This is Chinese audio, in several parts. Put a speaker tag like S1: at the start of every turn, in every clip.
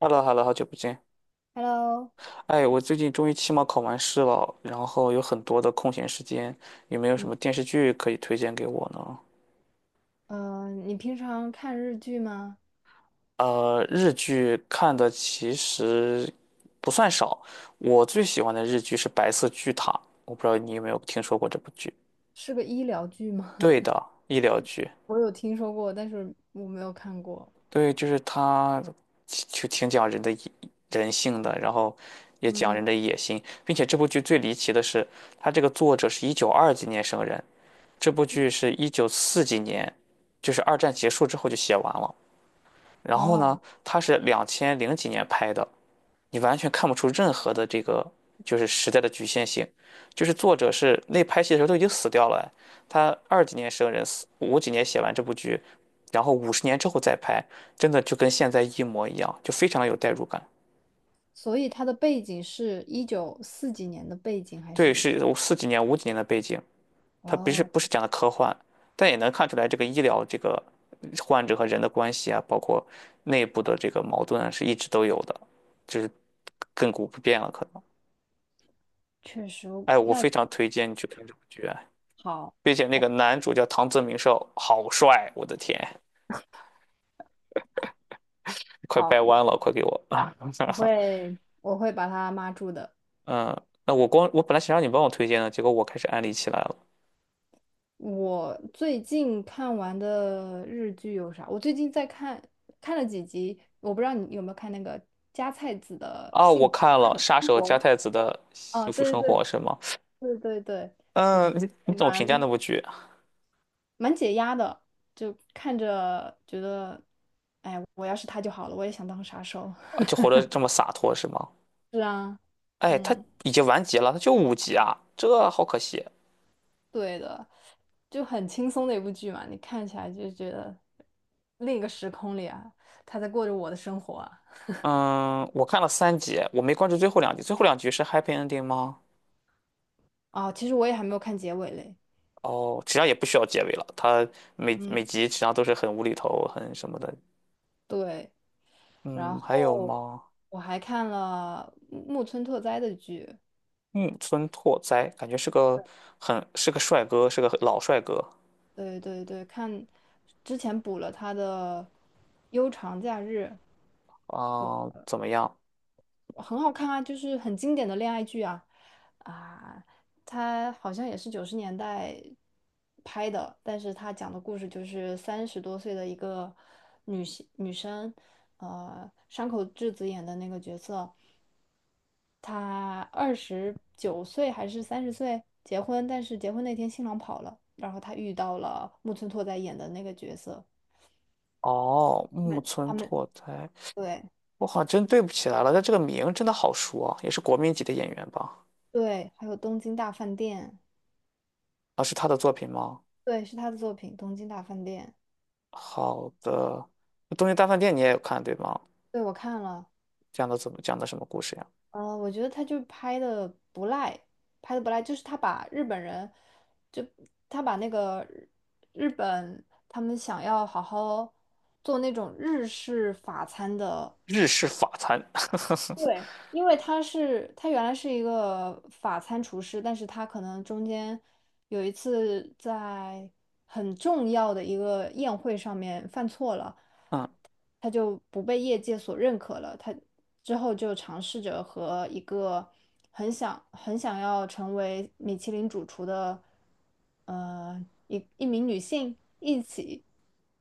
S1: h e l l o h e l l o 好久不见。
S2: Hello，
S1: 哎，我最近终于期末考完试了，然后有很多的空闲时间，有没有什么电视剧可以推荐给我呢？
S2: 你平常看日剧吗？
S1: 日剧看的其实不算少，我最喜欢的日剧是《白色巨塔》，我不知道你有没有听说过这部剧？
S2: 是个医疗剧吗？
S1: 对 的，医疗剧，
S2: 我有听说过，但是我没有看过。
S1: 对，就是它就挺讲人的人性的，然后也讲
S2: 嗯，
S1: 人的野心，并且这部剧最离奇的是，它这个作者是一九二几年生人。这部剧是一九四几年，就是二战结束之后就写完了。然后呢，
S2: 哦，
S1: 它是两千零几年拍的，你完全看不出任何的这个就是时代的局限性。就是作者是那拍戏的时候都已经死掉了，他二几年生人，五几年写完这部剧，然后50年之后再拍，真的就跟现在一模一样，就非常的有代入感。
S2: 所以它的背景是一九四几年的背景，还
S1: 对，
S2: 是？
S1: 是四几年、五几年的背景，它不是
S2: 哦，
S1: 不是讲的科幻，但也能看出来这个医疗这个患者和人的关系啊，包括内部的这个矛盾啊是一直都有的，就是亘古不变了可能。
S2: 确实，
S1: 哎，我
S2: 那
S1: 非常推荐你去看这部剧啊，
S2: 好，
S1: 并且那
S2: 我
S1: 个男主叫唐泽明寿，好帅，我的天，快
S2: 好，
S1: 掰弯了，快给我！
S2: 我会我会把它码住的。
S1: 嗯，那我本来想让你帮我推荐的，结果我开始安利起来了。
S2: 我最近看完的日剧有啥？我最近在看，看了几集，我不知道你有没有看那个加菜子的
S1: 啊，我
S2: 《幸福
S1: 看了《杀
S2: 生
S1: 手
S2: 活》。
S1: 加太子的
S2: 哦，
S1: 幸福
S2: 对
S1: 生
S2: 对
S1: 活》是吗？
S2: 对，对对对，我觉
S1: 嗯，你
S2: 得
S1: 怎么
S2: 蛮
S1: 评价那部剧？
S2: 蛮解压的，就看着觉得，哎，我要是他就好了，我也想当杀手。
S1: 啊就 活得这么洒脱是吗？
S2: 是啊，
S1: 哎，他
S2: 嗯，
S1: 已经完结了，他就五集啊，这好可惜。
S2: 对的，就很轻松的一部剧嘛，你看起来就觉得另一个时空里啊，他在过着我的生活啊。
S1: 嗯，我看了三集，我没关注最后两集，最后两集是 happy ending 吗？
S2: 哦，其实我也还没有看结尾嘞。
S1: 哦，实际上也不需要结尾了，他每
S2: 嗯，
S1: 每集实际上都是很无厘头、很什么的。
S2: 对，然
S1: 嗯，还有
S2: 后
S1: 吗？
S2: 我还看了木村拓哉的剧，
S1: 木村拓哉感觉是个很是个帅哥，是个老帅哥
S2: 对对对，看之前补了他的《悠长假日》，
S1: 啊，怎么样？
S2: 很好看啊，就是很经典的恋爱剧啊，他好像也是90年代拍的，但是他讲的故事就是30多岁的一个女生，山口智子演的那个角色，她29岁还是30岁结婚，但是结婚那天新郎跑了，然后她遇到了木村拓哉演的那个角色，
S1: 哦，
S2: 他
S1: 木
S2: 们。
S1: 村
S2: 他们
S1: 拓哉，
S2: 对。
S1: 我好像真对不起来了，但这个名真的好熟啊，也是国民级的演员吧？
S2: 对，还有《东京大饭店》，
S1: 啊，是他的作品吗？
S2: 对，是他的作品《东京大饭店》。
S1: 好的，那东京大饭店》你也有看对吗？
S2: 对，我看了，
S1: 讲的怎么讲的什么故事呀？
S2: 我觉得他就拍的不赖，拍的不赖，就是他把日本人，就他把那个日本他们想要好好做那种日式法餐的，
S1: 日式法餐，
S2: 对，因为他原来是一个法餐厨师，但是他可能中间有一次在很重要的一个宴会上面犯错了。
S1: 嗯，
S2: 他就不被业界所认可了。他之后就尝试着和一个很想很想要成为米其林主厨的，一名女性一起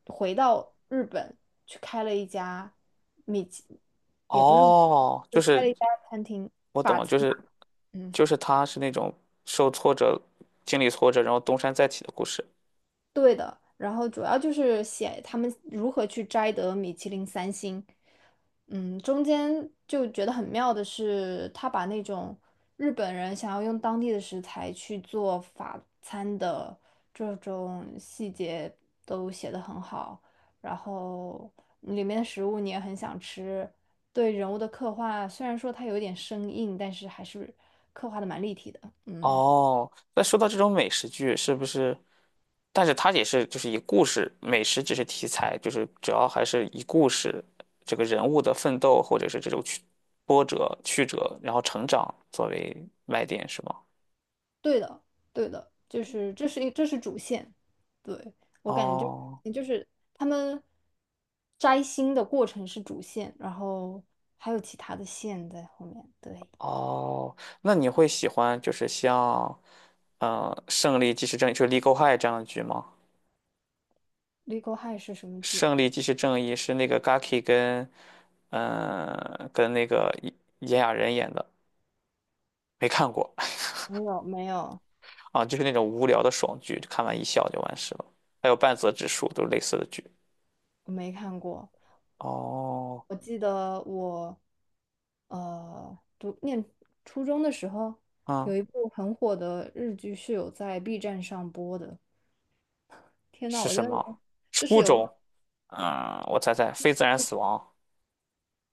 S2: 回到日本去开了一家米其，也不是说米其
S1: 哦，就
S2: 林就开
S1: 是
S2: 了一家餐厅，
S1: 我懂
S2: 法
S1: 了，就
S2: 餐吧，
S1: 是
S2: 嗯。
S1: 就是他是那种受挫折、经历挫折，然后东山再起的故事。
S2: 对的，然后主要就是写他们如何去摘得米其林三星。嗯，中间就觉得很妙的是，他把那种日本人想要用当地的食材去做法餐的这种细节都写得很好，然后里面的食物你也很想吃，对人物的刻画虽然说它有点生硬，但是还是刻画的蛮立体的。嗯。
S1: 哦，那说到这种美食剧，是不是？但是它也是就是以故事，美食只是题材，就是主要还是以故事这个人物的奋斗或者是这种波折、曲折，然后成长作为卖点，是吗？
S2: 对的，对的，就是这是主线，对，我感觉
S1: 哦
S2: 就是他们摘星的过程是主线，然后还有其他的线在后面。对，
S1: 哦，那你会喜欢就是像《胜利即是正义》就是《Legal High》这样的剧吗？
S2: 《Legal High》是什么剧？
S1: 《胜利即是正义》是那个 Gaki 跟那个炎亚纶演的，没看过。
S2: 没有，没有，
S1: 啊，就是那种无聊的爽剧，看完一笑就完事了。还有半泽直树都是类似的剧。
S2: 我没看过。
S1: 哦，
S2: 我记得我念初中的时候，有
S1: 嗯，
S2: 一部很火的日剧是有在 B 站上播的。天呐，
S1: 是
S2: 我觉
S1: 什
S2: 得
S1: 么？
S2: 就是
S1: 初
S2: 有
S1: 中？嗯，我猜猜，非自然死亡。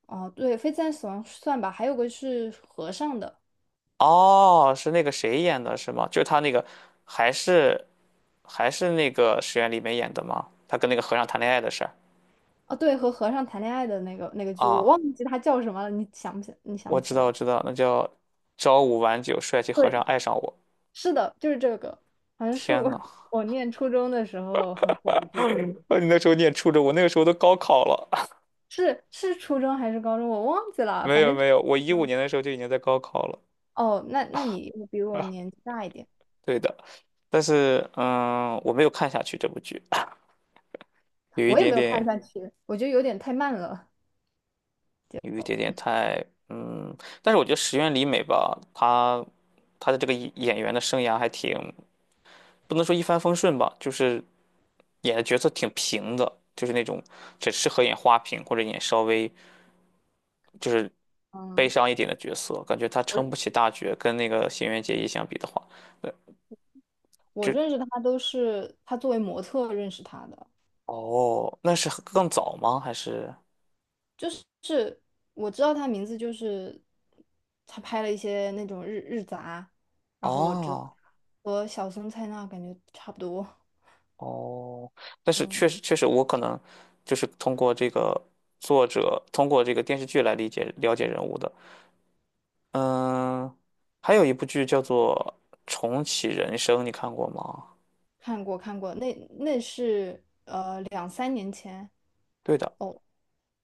S2: 哦，对，《非自然死亡》算吧，还有个是和尚的。
S1: 哦，是那个谁演的，是吗？就是他那个，还是那个石原里美演的吗？他跟那个和尚谈恋爱的事儿
S2: 哦，对，和和尚谈恋爱的那个剧，我
S1: 啊，
S2: 忘记他叫什么了，你想
S1: 我
S2: 不
S1: 知
S2: 起
S1: 道，
S2: 来？
S1: 我知道，那叫朝五晚九，帅气和尚
S2: 对，
S1: 爱上我。
S2: 是的，就是这个，好像是
S1: 天
S2: 我
S1: 呐，
S2: 我念初中的时候很火的 剧吧？
S1: 啊你那时候念初中，我那个时候都高考了。
S2: 是初中还是高中？我忘记了，
S1: 没
S2: 反
S1: 有
S2: 正这
S1: 没有，我15年的时候就已经在高考了
S2: 哦，那你比
S1: 啊，
S2: 我 年纪大一点，
S1: 对的，但是我没有看下去这部剧，有一
S2: 我也
S1: 点
S2: 没有看
S1: 点，
S2: 下去，我觉得有点太慢了。
S1: 有一点点太。但是我觉得石原里美吧，她的这个演员的生涯还挺，不能说一帆风顺吧，就是演的角色挺平的，就是那种只适合演花瓶或者演稍微就是悲
S2: 嗯，
S1: 伤一点的角色，感觉她
S2: 我
S1: 撑不起大角，跟那个新垣结衣相比的话，呃，
S2: 我
S1: 就
S2: 认识他都是他作为模特认识他的。
S1: 哦，那是很更早吗？还是
S2: 我知道他名字就是他拍了一些那种日杂，然后我知道他
S1: 啊？
S2: 和小松菜奈感觉差不多。
S1: 哦？但是
S2: 嗯，
S1: 确实，我可能就是通过这个作者，通过这个电视剧来理解了解人物的。嗯，还有一部剧叫做《重启人生》，你看过吗？
S2: 看过看过，那是两三年前，
S1: 对的，
S2: 哦，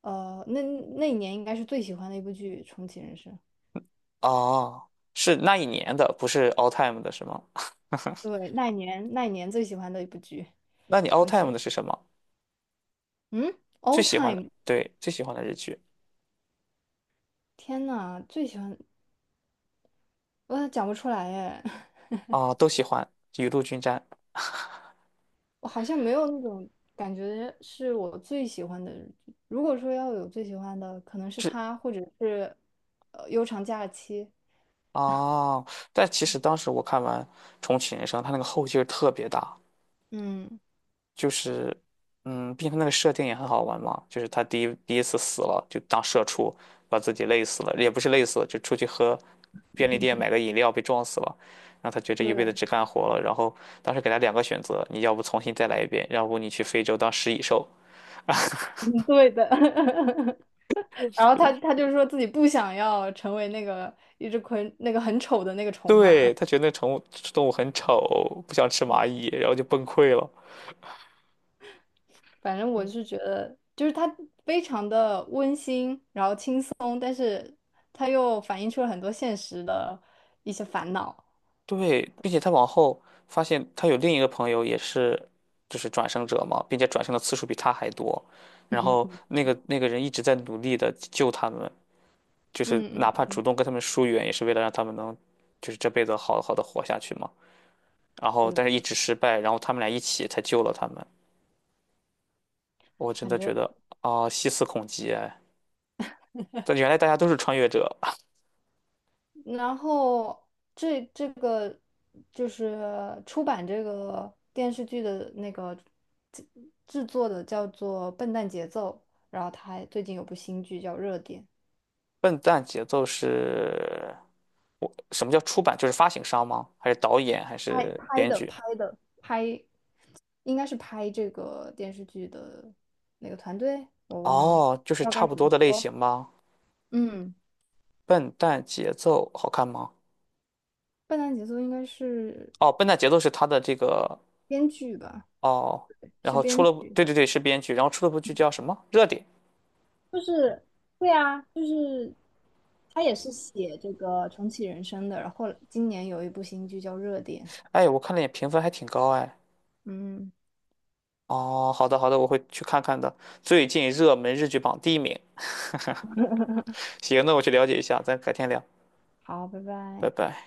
S2: 呃那那一年应该是最喜欢的一部剧《重启人生》。
S1: 啊，是那一年的，不是 all time 的，是吗？
S2: 对，那一年最喜欢的一部剧
S1: 那你 all
S2: 《重启
S1: time
S2: 人》。
S1: 的是什么？
S2: 嗯
S1: 最
S2: ，All
S1: 喜欢的，
S2: Time，
S1: 对，最喜欢的日剧
S2: 天呐，最喜欢我讲不出来耶。
S1: 啊，都喜欢《雨露均沾》。
S2: 我好像没有那种感觉是我最喜欢的。如果说要有最喜欢的，可能是他，或者是悠长假期。
S1: 哦，但其实当时我看完《重启人生》，它那个后劲儿特别大，
S2: 嗯，
S1: 就是，毕竟它那个设定也很好玩嘛，就是他第一次死了，就当社畜，把自己累死了，也不是累死了，就出去喝便利店买个饮料被撞死了，然后他觉得这一辈子
S2: 对，
S1: 只 干活了，然后当时给他两个选择，你要不重新再来一遍，要不你去非洲当食蚁兽，
S2: 嗯对的。然后他就说自己不想要成为那个一只那个很丑的那个虫嘛。
S1: 对，他觉得那宠物动物很丑，不想吃蚂蚁，然后就崩溃了。
S2: 反正我是觉得，就是他非常的温馨，然后轻松，但是他又反映出了很多现实的一些烦恼。
S1: 对，并且他往后发现他有另一个朋友也是，就是转生者嘛，并且转生的次数比他还多。然后
S2: 嗯
S1: 那个人一直在努力的救他们，就是哪
S2: 嗯
S1: 怕主动跟他们疏远，也是为了让他们能，就是这辈子好好的活下去嘛。然后
S2: 嗯，
S1: 但是一
S2: 是。
S1: 直失败，然后他们俩一起才救了他们。我真的觉得啊，细思恐极哎！但原来大家都是穿越者。
S2: 然后这个就是出版这个电视剧的那个制制作的叫做《笨蛋节奏》，然后他还最近有部新剧叫《热点》，
S1: 笨蛋节奏是什么叫出版？就是发行商吗？还是导演？还
S2: 拍
S1: 是
S2: 拍
S1: 编
S2: 的
S1: 剧？
S2: 拍的拍，应该是拍这个电视剧的那个团队我忘了，
S1: 哦，就是
S2: 不知道
S1: 差
S2: 该
S1: 不
S2: 怎
S1: 多
S2: 么
S1: 的类型
S2: 说。
S1: 吗？
S2: 嗯，
S1: 笨蛋节奏好看吗？
S2: 《笨蛋节奏》应该是
S1: 哦，笨蛋节奏是他的这个
S2: 编剧吧，
S1: 哦，然
S2: 是
S1: 后出
S2: 编
S1: 了部，
S2: 剧。
S1: 对对对，是编剧，然后出了部剧叫什么？热点。
S2: 就是对啊，就是他也是写这个重启人生的，然后今年有一部新剧叫《热点》。
S1: 哎，我看了眼评分还挺高哎。
S2: 嗯，
S1: 哦，好的好的，我会去看看的。最近热门日剧榜第一名。行，那我去了解一下，咱改天聊，
S2: 好，拜
S1: 拜
S2: 拜。
S1: 拜。